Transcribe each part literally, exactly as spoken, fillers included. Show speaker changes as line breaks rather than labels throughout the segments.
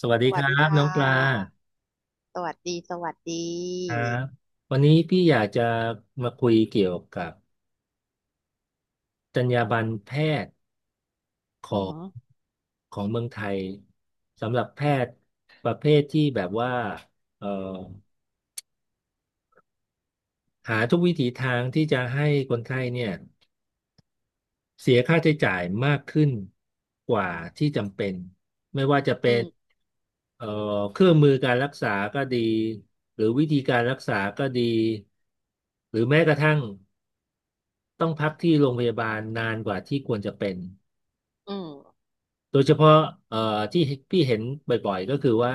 สวัส
ส
ดีค
วัส
รั
ดี
บ
ค่
น้องปลา
ะสวัสดีสวัสดี
ครับวันนี้พี่อยากจะมาคุยเกี่ยวกับจรรยาบรรณแพทย์ของของเมืองไทยสำหรับแพทย์ประเภทที่แบบว่าเอ่อหาทุกวิถีทางที่จะให้คนไข้เนี่ยเสียค่าใช้จ่ายมากขึ้นกว่าที่จำเป็นไม่ว่าจะ
อื
เป็น
ม
เอ่อเครื่องมือการรักษาก็ดีหรือวิธีการรักษาก็ดีหรือแม้กระทั่ง ต้องพักที่โรงพยาบาลนานกว่าที่ควรจะเป็น
อืม
โดยเฉพาะเอ่อที่พี่เห็นบ่อยๆก็คือว่า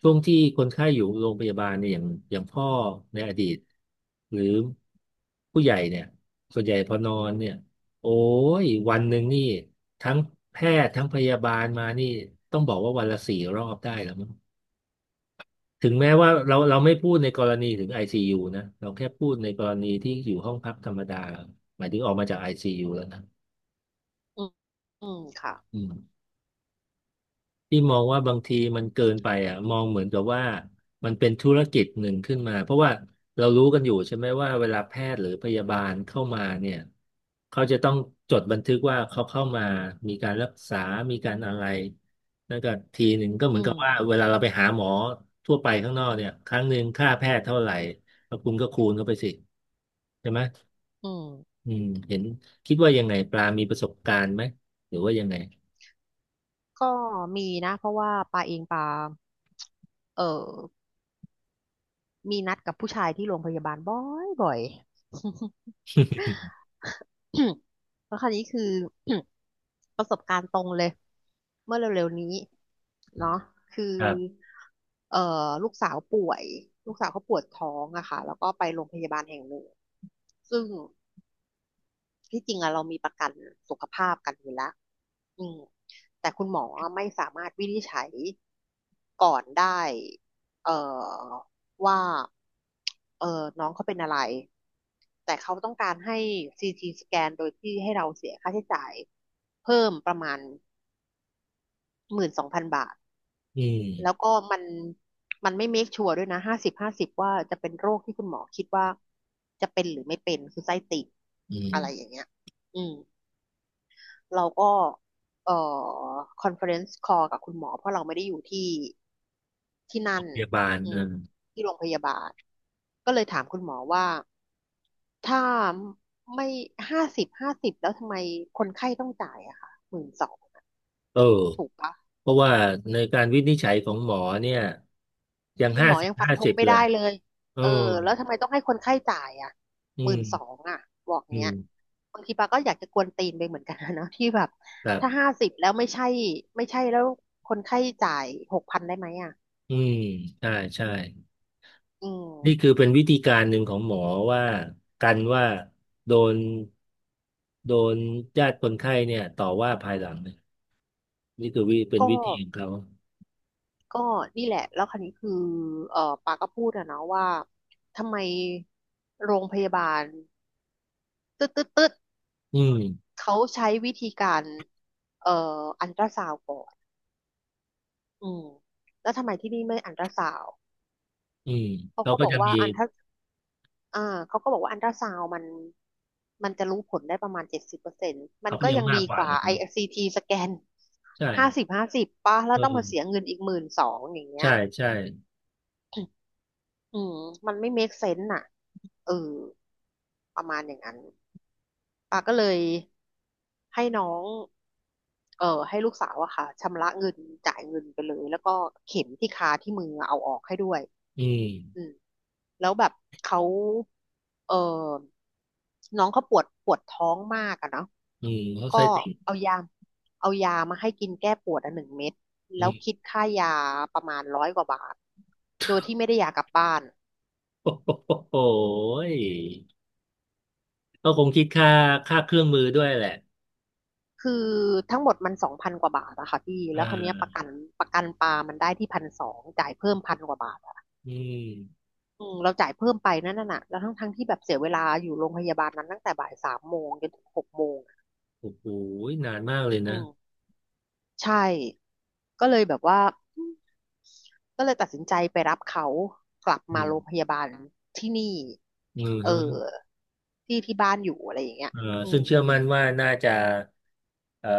ช่วงที่คนไข้อยู่โรงพยาบาลเนี่ยอย่างอย่างพ่อในอดีตหรือผู้ใหญ่เนี่ยส่วนใหญ่พอนอนเนี่ยโอ้ยวันหนึ่งนี่ทั้งแพทย์ทั้งพยาบาลมานี่ต้องบอกว่าวันละสี่รอบได้แล้วมั้งถึงแม้ว่าเราเราไม่พูดในกรณีถึง ไอ ซี ยู นะเราแค่พูดในกรณีที่อยู่ห้องพักธรรมดาหมายถึงออกมาจาก ไอ ซี ยู แล้วนะ
อืมอืมค่ะ
อืม ที่มองว่าบางทีมันเกินไปอ่ะมองเหมือนกับว่ามันเป็นธุรกิจหนึ่งขึ้นมาเพราะว่าเรารู้กันอยู่ใช่ไหมว่าเวลาแพทย์หรือพยาบาลเข้ามาเนี่ยเขาจะต้องจดบันทึกว่าเขาเข้ามามีการรักษามีการอะไรนั่นก็ทีหนึ่งก็เหมือ
อื
นกับ
ม
ว่าเวลาเราไปหาหมอทั่วไปข้างนอกเนี่ยครั้งหนึ่งค่าแพทย์เท่าไหร่แล้วคุณก็คูณเข้าไปสิใช่ไหม
อืม
อืมเห็นคิดว่ายังไงปลามีประสบการณ์ไหมหรือว่ายังไง
ก็มีนะเพราะว่าปาเองปาเออมีนัดกับผู้ชายที่โรงพยาบาลบ่อยบ่อย แล้วคราวนี้คือ ประสบการณ์ตรงเลยเมื่อเร็วๆนี้เนาะคือ
ครับ
เอ่อลูกสาวป่วยลูกสาวเขาปวดท้องอะค่ะแล้วก็ไปโรงพยาบาลแห่งหนึ่งซึ่ง ที่จริงอะเรามีประกันสุขภาพกันอยู่แล้วอืมแต่คุณหมอไม่สามารถวินิจฉัยก่อนได้เอ่อว่าเออน้องเขาเป็นอะไรแต่เขาต้องการให้ซีทีสแกนโดยที่ให้เราเสียค่าใช้จ่ายเพิ่มประมาณหมื่นสองพันบาท
อื
แล้ว
ม
ก็มันมันไม่เมคชัวร์ด้วยนะห้าสิบห้าสิบว่าจะเป็นโรคที่คุณหมอคิดว่าจะเป็นหรือไม่เป็นคือไส้ติ่ง
อื
อะไรอ
ม
ย่างเงี้ยอืม เราก็เอ่อคอนเฟอเรนซ์คอลกับคุณหมอเพราะเราไม่ได้อยู่ที่ที่
โร
นั่น
งพยาบาล
อื
เอ
ม
อ
ที่โรงพยาบาลก็เลยถามคุณหมอว่า ถ้าไม่ห้าสิบห้าสิบแล้วทำไมคนไข้ต้องจ่ายอะค่ะหมื่นสอง
เออ
ถูกปะ
เพราะว่าในการวินิจฉัยของหมอเนี่ยยัง
คุณ
ห้า
หมอ
สิบ
ยังฟัน
ห้า
ธ
สิ
ง
บ
ไม่
เล
ได้
ย
เลย
เออ
เออแล้วทำไมต้องให้คนไข้จ่ายอ่ะ
อื
หมื่นสอ
ม
งอ่ะบอก
อื
เนี้ย
ม
บางทีปาก็อยากจะกวนตีนไปเหมือนกันนะ เนาะที่แบบ
ครั
ถ้า
บ
ห้าสิบแล้วไม่ใช่ไม่ใช่แล้วคนไข้จ่ายหกพันได้ไหมอ่ะ
อืมใช่ใช่
อื
นี่คือ
ม
เป็นวิธีการหนึ่งของหมอว่ากันว่าโดนโดนญาติคนไข้เนี่ยต่อว่าภายหลังเนี่ยนี่คือวิเป็น
ก็
วิธีของเขา
ก็นี่แหละแล้วคราวนี้คือเออปาก็พูดอะเนาะว่าทำไมโรงพยาบาลตึ๊ดตึ๊ดตึ๊ด
อืม
เขาใช้วิธีการเอ่ออัลตราซาวด์ก่อนอืมแล้วทำไมที่นี่ไม่อัลตราซาวด์
อืม
เขา
เขา
ก็
ก็
บอก
จะ
ว่า
มี
อันถ้าอ่าเขาก็บอกว่าอันตราซาวมันมันจะรู้ผลได้ประมาณเจ็ดสิบเปอร์เซ็นต์มัน
เขาก็
ก็
ยัง
ยัง
มาก
ดี
กว่า
กว่า
เลย
ไอ
นะ
ซีทีสแกน
ใช่
ห้าสิบห้าสิบป่ะแล้วต้องมาเสีย
เออ
เงินอีกหมื่นสองอย่างเงี้
ใช่
ย
ใช่
อืมมันไม่ make sense น่ะเออประมาณอย่างนั้นป้าก็เลยให้น้องเออให้ลูกสาวอะค่ะชำระเงินจ่ายเงินไปเลย แล้วก็เข็มที่คาที่มือเอาออกให้ด้วย
อืม
อืม แล้วแบบเขาเออน้องเขาปวดปวดท้องมากอะเนาะ
อืมเขาใช้
ก็
ติ่ง
เอายาเอายามาให้กินแก้ปวดอ่ะหนึ่งเม็ดแล้ว
โ
คิดค่ายาประมาณร้อยกว่าบาทโดยที่ไม่ได้ยากลับบ้าน
อ้โหยก็คงคิดค่าค่าเครื่องมือด้วยแหละ
คือทั้งหมดมันสองพันกว่าบาทอะค่ะพี่
อ่
แล้วคนนี้ยประกั
า
นประกันปลามันได้ที่พันสองจ่ายเพิ่มพันกว่าบาทอะ
อืม
อืมเราจ่ายเพิ่มไปนั่นน่ะแล้วทั้งทั้งที่แบบเสียเวลาอยู่โรงพยาบาลนั้นตั้งแต่บ่ายสามโมงจนถึงหกโมงอะ
โอ้โหยนานมากเลย
อื
นะ
ม ใช่ก็เลยแบบว่าอืมก็เลยตัดสินใจไปรับเขากลับ
อื
มาโรงพ
ม
ยาบาลที่นี่
อืม
เออ
ฮะ
ที่ที่บ้านอยู่อะไรอย่างเงี้ย
เอ่อ
อื
ซึ่ง
ม
เชื่อมั่นว่าน่าจะเอ่อ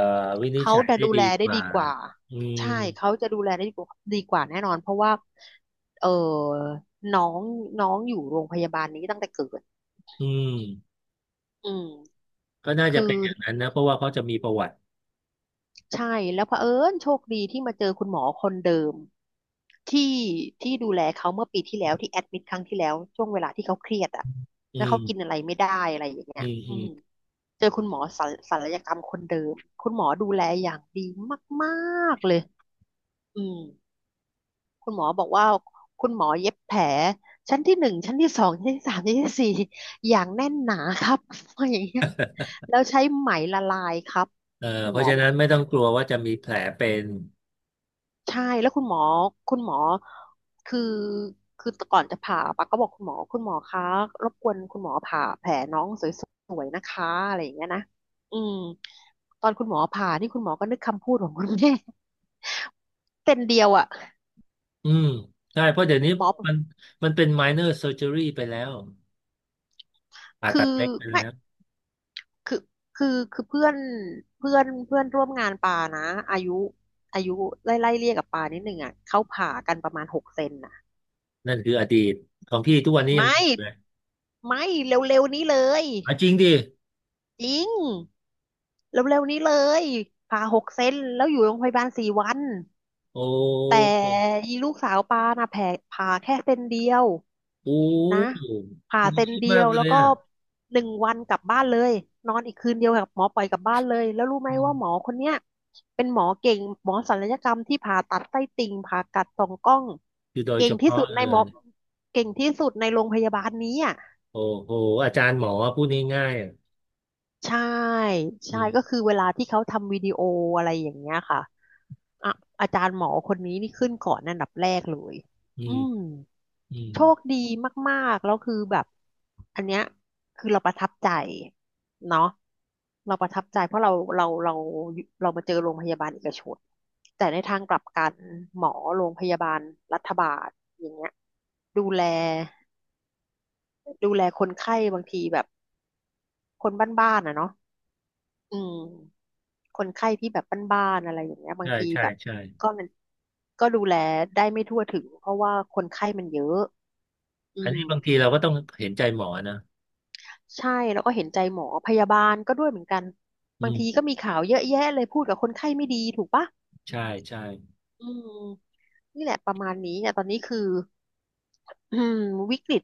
วินิจ
เขา
ฉัย
จะ
ได้
ดู
ดี
แล
ก
ได้
ว่า
ดีกว่า
อืม
ใช่เขาจะดูแลได้ดีกว่าดีกว่าแน่นอนเพราะว่าเออน้องน้องอยู่โรงพยาบาลนี้ตั้งแต่เกิด
อืม
อืม
ก็น่าจะ
คือ
เป็นอย่างนั้นนะเพราะว่าเขาจะมีประวัติ
ใช่แล้วเผอิญโชคดีที่มาเจอคุณหมอคนเดิมที่ที่ดูแลเขาเมื่อปีที่แล้วที่แอดมิดครั้งที่แล้วช่วงเวลาที่เขาเครียดอ่ะ
อื
แล้วเขากิน
ม
อะไรไม่ได้อะไรอย่างเงี้
อื
ย
ม
อื
อืม
มเจอคุณหมอศัลศัลยกรรมคนเดิมคุณหมอดูแลอย่างดีมากๆเลยอืมคุณหมอบอกว่าคุณหมอเย็บแผลชั้นที่หนึ่งชั้นที่สองชั้นที่สามชั้นที่สี่อย่างแน่นหนาครับ อย่างเงี้ยแล้วใช้ไหมละลายครับ
เอ่อ
คุณ
เพ
หม
ราะ
อ
ฉะ
บอ
นั้
ก
น
อย่า
ไม่
ง
ต้
เงี้
อง
ย
กลัวว่าจะมีแผลเป็น
ใช่แล้วคุณหมอคุณหมอคือคือก่อนจะผ่าปะก็บอกคุณหมอคุณหมอคะรบกวนคุณหมอผ่าแผลน้องสวยๆนะคะอะไรอย่างเงี้ยนะอืมตอนคุณหมอผ่านี่คุณหมอก็นึกคำพูดของคุณแม่เซนเดียวอ่ะ
อืมใช่ เพราะเดี๋ยวนี้
หมอ
มันมันเป็น minor surgery ไปแล้วผ่า
คื
ตัด
อ
เล็กไป
ไม่
แล้ว
คือคือคือเพื่อนเพื่อนเพื่อนร่วมงานปานะอายุอายุไล่ไล่เรียกกับปานิดหนึ่งอ่ะเขาผ่ากันประมาณหกเซนน่ะ
นั่นคืออดีตของพี่ทุกวันนี้ยัง
ไม่
มีอยู่เลย
ไม่เร็วๆนี้เลย
อ่ะจริงดิ
จริง เร็วๆนี้เลยผ่าหกเซนแล้วอยู่โรงพยาบาลสี่วัน
โอ้
แต่อีลูกสาวปาน่ะแผลผ่าแค่เซนเดียว
โอ
นะ
้
ผ่า
คุณ
เซน
คิด
เดี
มา
ย
ก
ว
เล
แล้
ย
วก็
อ่ะ
หนึ่งวันกลับบ้านเลยนอนอีกคืนเดียวกับหมอปล่อยกลับบ้านเลยแล้วรู้ไหม
อื
ว่าหมอ
ม
คนเนี้ยเป็นหมอเก่งหมอศัลยกรรมที่ผ่าตัดไส้ติ่งผ่ากัดสองกล้อง
คือโดย
เก่
เฉ
งที่
พาะ
สุดใน
เล
หมอ
ย
เก่งที่สุดในโรงพยาบาลนี้อ่ะ
โอ้โหอาจารย์หมอพูดง่ายๆอ่ะ
ใช่
อื
ใช่
ม
ก็คือเวลาที่เขาทำวิดีโออะไรอย่างเงี้ยค่ะอะอาจารย์หมอคนนี้นี่ขึ้นก่อนอันดับแรกเลย
อื
อื
ม
ม
อืม
โชคดีมากๆแล้วคือแบบอันเนี้ยคือเราประทับใจเนาะเราประทับใจเพราะเราเราเราเรามาเจอโรงพยาบาลเอกชนแต่ในทางกลับกันหมอโรงพยาบาลรัฐบาลอย่างเงี้ยดูแลดูแลคนไข้บางทีแบบคนบ้านๆอ่ะเนาะอืม คนไข้ที่แบบบ้านๆอะไรอย่างเงี้ยบาง
ใช่
ที
ใช่
แบบ
ใช่
ก็มันก็ดูแลได้ไม่ทั่วถึงเพราะว่าคนไข้มันเยอะอื
อัน
ม
นี้บางทีเราก็ต้องเห็นใจหมอนะ
ใช่แล้วก็เห็นใจหมอพยาบาลก็ด้วยเหมือนกัน
อื
บางที
ม
ก็มีข่าวเยอะแยะเลยพูดกับคนไข้ไม่ดีถูกปะ
ใช่ใช่
อืมนี่แหละประมาณนี้เนี่ยตอนนี้คืออืมวิกฤต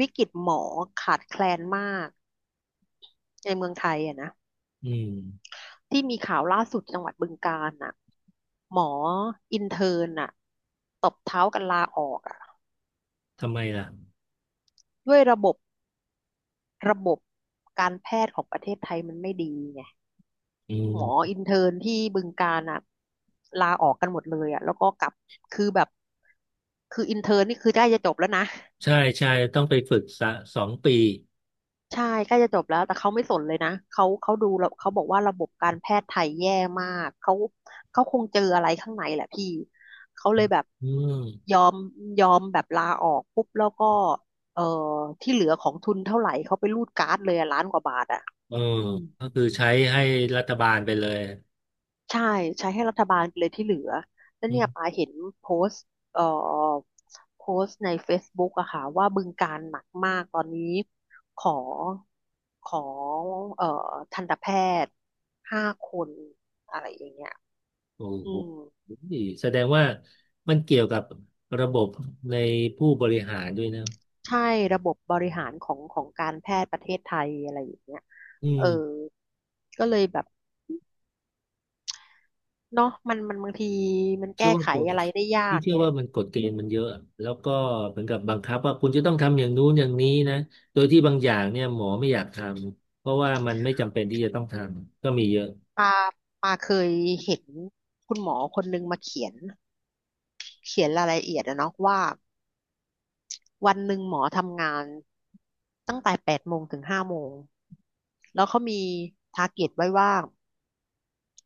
วิกฤตหมอขาดแคลนมากในเมืองไทยอะนะ
อืม
ที่มีข่าวล่าสุดจังหวัดบึงกาฬน่ะหมออินเทิร์นน่ะตบเท้ากันลาออกอะ
ทำไมล่ะ
ด้วยระบบระบบการแพทย์ของประเทศไทยมันไม่ดีไง
อื
หมอ
ม
อินเทิร์นที่บึงกาฬอ่ะลาออกกันหมดเลยอ่ะแล้วก็กลับคือแบบคืออินเทิร์นนี่คือใกล้จะจบแล้วนะ
ใช่ใช่ต้องไปฝึกสะสองปี
ใช่ใกล้จะจบแล้วแต่เขาไม่สนเลยนะเขาเขาดูแล้วเขาบอกว่าระบบการแพทย์ไทยแย่มากเขาเขาคงเจออะไรข้างในแหละพี่เขาเลยแบบ
อื
ย
ม
อมยอมแบบลาออกปุ๊บแล้วก็เอ่อที่เหลือของทุนเท่าไหร่เขาไปรูดการ์ดเลยอะล้านกว่าบาทอ่ะ
เออ
อืม
ก็คือใช้ให้รัฐบาลไปเลย
ใช่ใช้ให้รัฐบาลไปเลยที่เหลือแล้วเนี่ยปาเห็นโพสต์เอ่อโพสต์ใน Facebook อะค่ะว่าบึงการหนักมากตอนนี้ขอขอเอ่อทันตแพทย์ห้าคนอะไรอย่างเงี้ย
โอ้
อื
โห
ม
แสดงว่ามันเกี่ยวกับระบบในผู้บริหารด้วยนะ
ใช่ระบบบริหารของของการแพทย์ประเทศไทยอะไรอย่างเงี้ย
อื
เออ
ม
ก็เลยแบบเนาะมันมันบางทีมัน
เชื่
แก้
อว่า
ไข
ตัว
อะไรได้ยา
พี่
ก
เชื่อ
ไง
ว่ามันกฎเกณฑ์มันเยอะแล้วก็เหมือนกับบังคับว่าคุณจะต้องทำอย่างนู้นอย่างนี้นะโดยที่บางอย่างเนี่ยหมอไม่อยากทำ เพราะว่ามันไม่จำเป็นที่จะต้องทำ ก็มีเยอะ
ปาปาเคยเห็นคุณหมอคนนึงมาเขียนเขียนรายละเอียดอะเนาะว่าวันหนึ่งหมอทำงานตั้งแต่แปดโมงถึงห้าโมงแล้วเขามีทาร์เก็ตไว้ว่า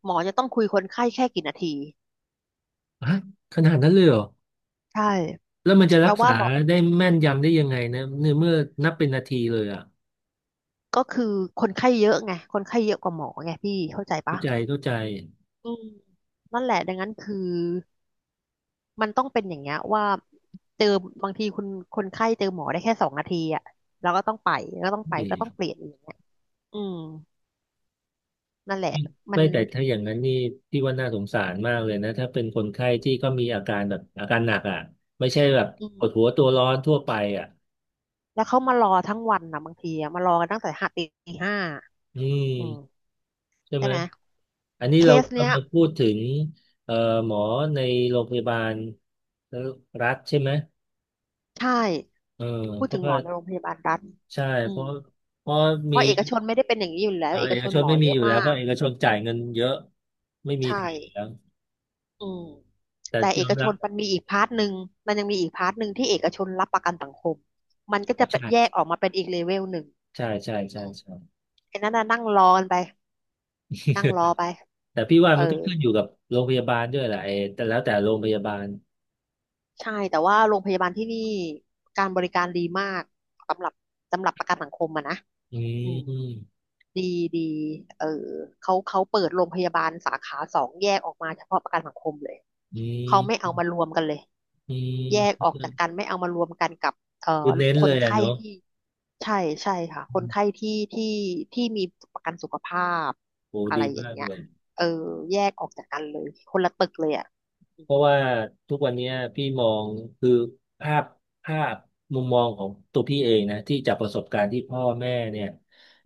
หมอจะต้องคุยคนไข้แค่กี่นาที
ฮะขนาดนั้นเลยเหรอ
ใช่
แล้วมันจะ
แป
รั
ล
ก
ว่า
ษา
หมอ
ได้แม่นยำได้ยังไงนะเนี่ยเมื่อนับเป็นนาทีเลยอ่ะ
ก็คือคนไข้เยอะไงคนไข้เยอะกว่าหมอไงพี่เข้าใจปะ
เข้าใจเข้าใจ
อืมนั่นแหละดังนั้นคือมันต้องเป็นอย่างเงี้ยว่าเจอบางทีคุณคนไข้เจอหมอได้แค่สองนาทีอ่ะแล้วก็ต้องไปแล้วก็ต้อง
โอ
ไป
เค
ก็ต้องเปลี่ยนอีก อืมนั่นแหละมั
ไม่
น
แต่ถ้าอย่างนั้นนี่พี่ว่าน่าสงสารมากเลยนะถ้าเป็นคนไข้ที่ก็มีอาการแบบอาการหนักอ่ะไม่ใช่แบบ
อื
ปวด
ม
หัวตัวร้อนทั่วไปอ่ะ
แล้วเขามารอทั้งวันนะบางทีอะมารอกันตั้งแต่ห้าตีห้า
อื
อื
ม
ม
ใช่
ใช่
ไหม
ไหม
อันนี้
เค
เรา
สเนี้ย
กำลังพูดถึงเอ่อหมอในโรงพยาบาลรัฐใช่ไหม
ใช่
เออ
พูด
เพ
ถึ
ราะ
งหม
ว่า
อในโรงพยาบาลรัฐ
ใช่
อื
เพ
ม
ราะเพราะ
เพ
มี
ราะเอกชนไม่ได้เป็นอย่างนี้อยู่แล้ว
เอ่อ
เอ
เอ
กช
ก
น
ชน
หมอ
ไม่มี
เย
อ
อะ
ยู่แล้ว
มา
เพราะ
ก
เอกชนจ่ายเงินเยอะไม่มี
ใช่
ทางแล้ว
อืม
แต่
แต่เอ
ยอม
กช
รับ
นมันมีอีกพาร์ทหนึ่งมันยังมีอีกพาร์ทหนึ่งที่เอกชนรับประกันสังคมมันก็
อ๋อ
จะเป็น
ใช่
แยกออกมาเป็นอีกเลเวลหนึ่ง
ใช่ใช่ใช่
อืม
ใช่
ไอ้นั่นน่ะนั่งรอกันไปนั่งรอไป
แต่พี่ว่า
เอ
มันก็
อ
ขึ้นอยู่กับโรงพยาบาลด้วยแหละไอ้แต่แล้วแต่โรงพยาบาล
ใช่แต่ว่าโรงพยาบาลที่นี่การบริการดีมากสำหรับสำหรับประกันสังคมอะนะ
อื
อืม
ม
ดีดีเออเขาเขาเปิดโรงพยาบาลสาขาสองแยกออกมาเฉพาะประกันสังคมเลย
อื
เขาไม่
ม
เอามารวมกันเลย
อื
แยก
ม
ออกจากกันไม่เอามารวมกันกับเอ่
คื
อ
อเน้น
ค
เล
น
ยอะ
ไข้
เนาะ
ที่ใช่ใช่ค่ะคน
อืม
ไข้ที่ที่ที่มีประกันสุขภาพ
โอ้
อะไร
ดี
อย่า
มา
ง
ก
เงี้ย
เลย
เออแยกออกจากกันเลยคนละตึกเลยอ่ะ
เพราะว่าทุกวันเนี้ยพี่มองคือภาพภาพมุมมองของตัวพี่เองนะที่จากประสบการณ์ที่พ่อแม่เนี่ย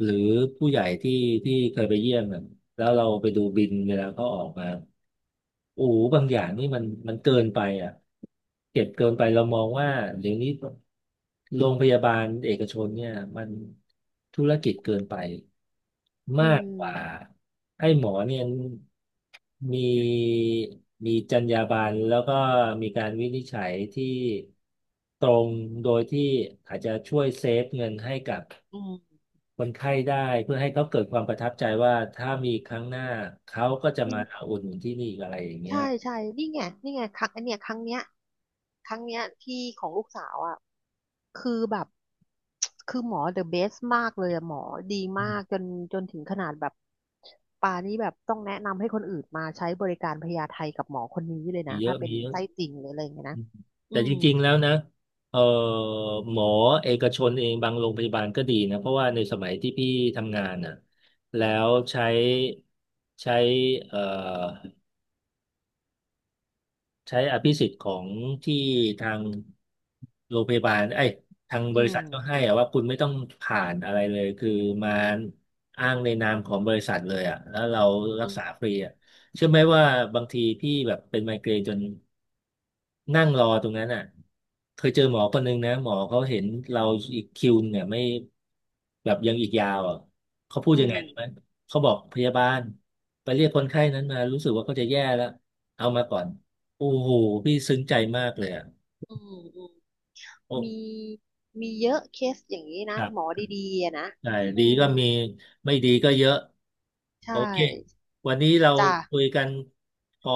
หรือผู้ใหญ่ที่ที่เคยไปเยี่ยมน่ะแล้วเราไปดูบินเวลาเขาออกมาโอ้โหบางอย่างนี่มันมันเกินไปอ่ะเก็บเกินไปเรามองว่าเดี๋ยวนี้โรงพยาบาลเอกชนเนี่ยมันธุรกิจเกินไป
อื
มากกว่า
ม
ให้หมอเนี่ยมีมีจรรยาบรรณแล้วก็มีการวินิจฉัยที่ตรงโดยที่อาจจะช่วยเซฟเงินให้กับ
อื
คนไข้ได้เพื่อให้เขาเกิดความประทับใจว่าถ้ามีครั้งหน้าเขาก็จะมา
ม
อุดหนุนที่นี่อีกอะไรอย่างเงี้ย
ใช่ใช่ นี่ไงนี่ไงครั้งอันเนี้ยครั้งเนี้ยครั้งเนี้ยที่ของลูกสาวอ่ะคือแบบคือหมอเดอะเบสมากเลยอะหมอดี
อื
มา
ม
กจนจนถึงขนาดแบบป่านี้แบบต้องแนะนำให้คนอื่นมาใช้บริการพยาไทกับหมอคนนี้เลย
มี
นะ
เยอะ
ถ้าเป็
มี
น
เยอะ
ไส้ติ่งหรืออะไรอย่างเงี้ย
อื
นะ
ม
อื
แต่จ
ม
ริงๆแล้วนะเออหมอเอกชนเองบางโรงพยาบาลก็ดีนะเพราะว่าในสมัยที่พี่ทำงานน่ะแล้วใช้ใช้เอ่อ ใช้อภิสิทธิ์ของที่ทางโรงพยาบาลไอ้ยทางบ
อื
ริษั
ม
ทก็ให้อะว่าคุณไม่ต้องผ่านอะไรเลยคือมาอ้างในนามของบริษัทเลยอ่ะแล้วเรารัก
อืม
ษาฟรีอ่ะเชื่อไหมว่าบางทีพี่แบบเป็นไมเกรนจนนั่งรอตรงนั้นอ่ะเคยเจอหมอคนนึงนะหมอเขาเห็นเราอีกคิวเนี่ยไม่แบบยังอีกยาวอ่ะเขาพูด
อื
ยังไงรู้ไหม
ม
เขาบอกพยาบาลไปเรียกคนไข้นั้นมารู้สึกว่าเขาจะแย่แล้วเอามาก่อน โอ้โห พี่ซึ้งใจมากเลยอ่ะ
อืมอืม
โอ้
มีมีเยอะเคสอย่างนี้
ค
นะ
รั
หมอ
บ
ดีๆอะนะ
ใช่
อื
ดี
ม
ก็มี ไม่ดีก็เยอะ โอ
ใช่
เค วันนี้เรา
จ้า
คุยกันพอ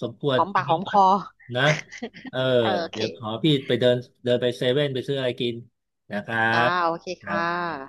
สมคว
ห
ร
อม
ตร
ปา
ง
กหอ
นี้
มค
ก่อน
อ
นะเอ อ
เออโอเค
เดี๋ยวขอพี่ไปเดินเดินไปเซเว่นไปซื้ออะไรกินนะครั
จ้า
บ
โอเค
ครั
ค่ะ
บ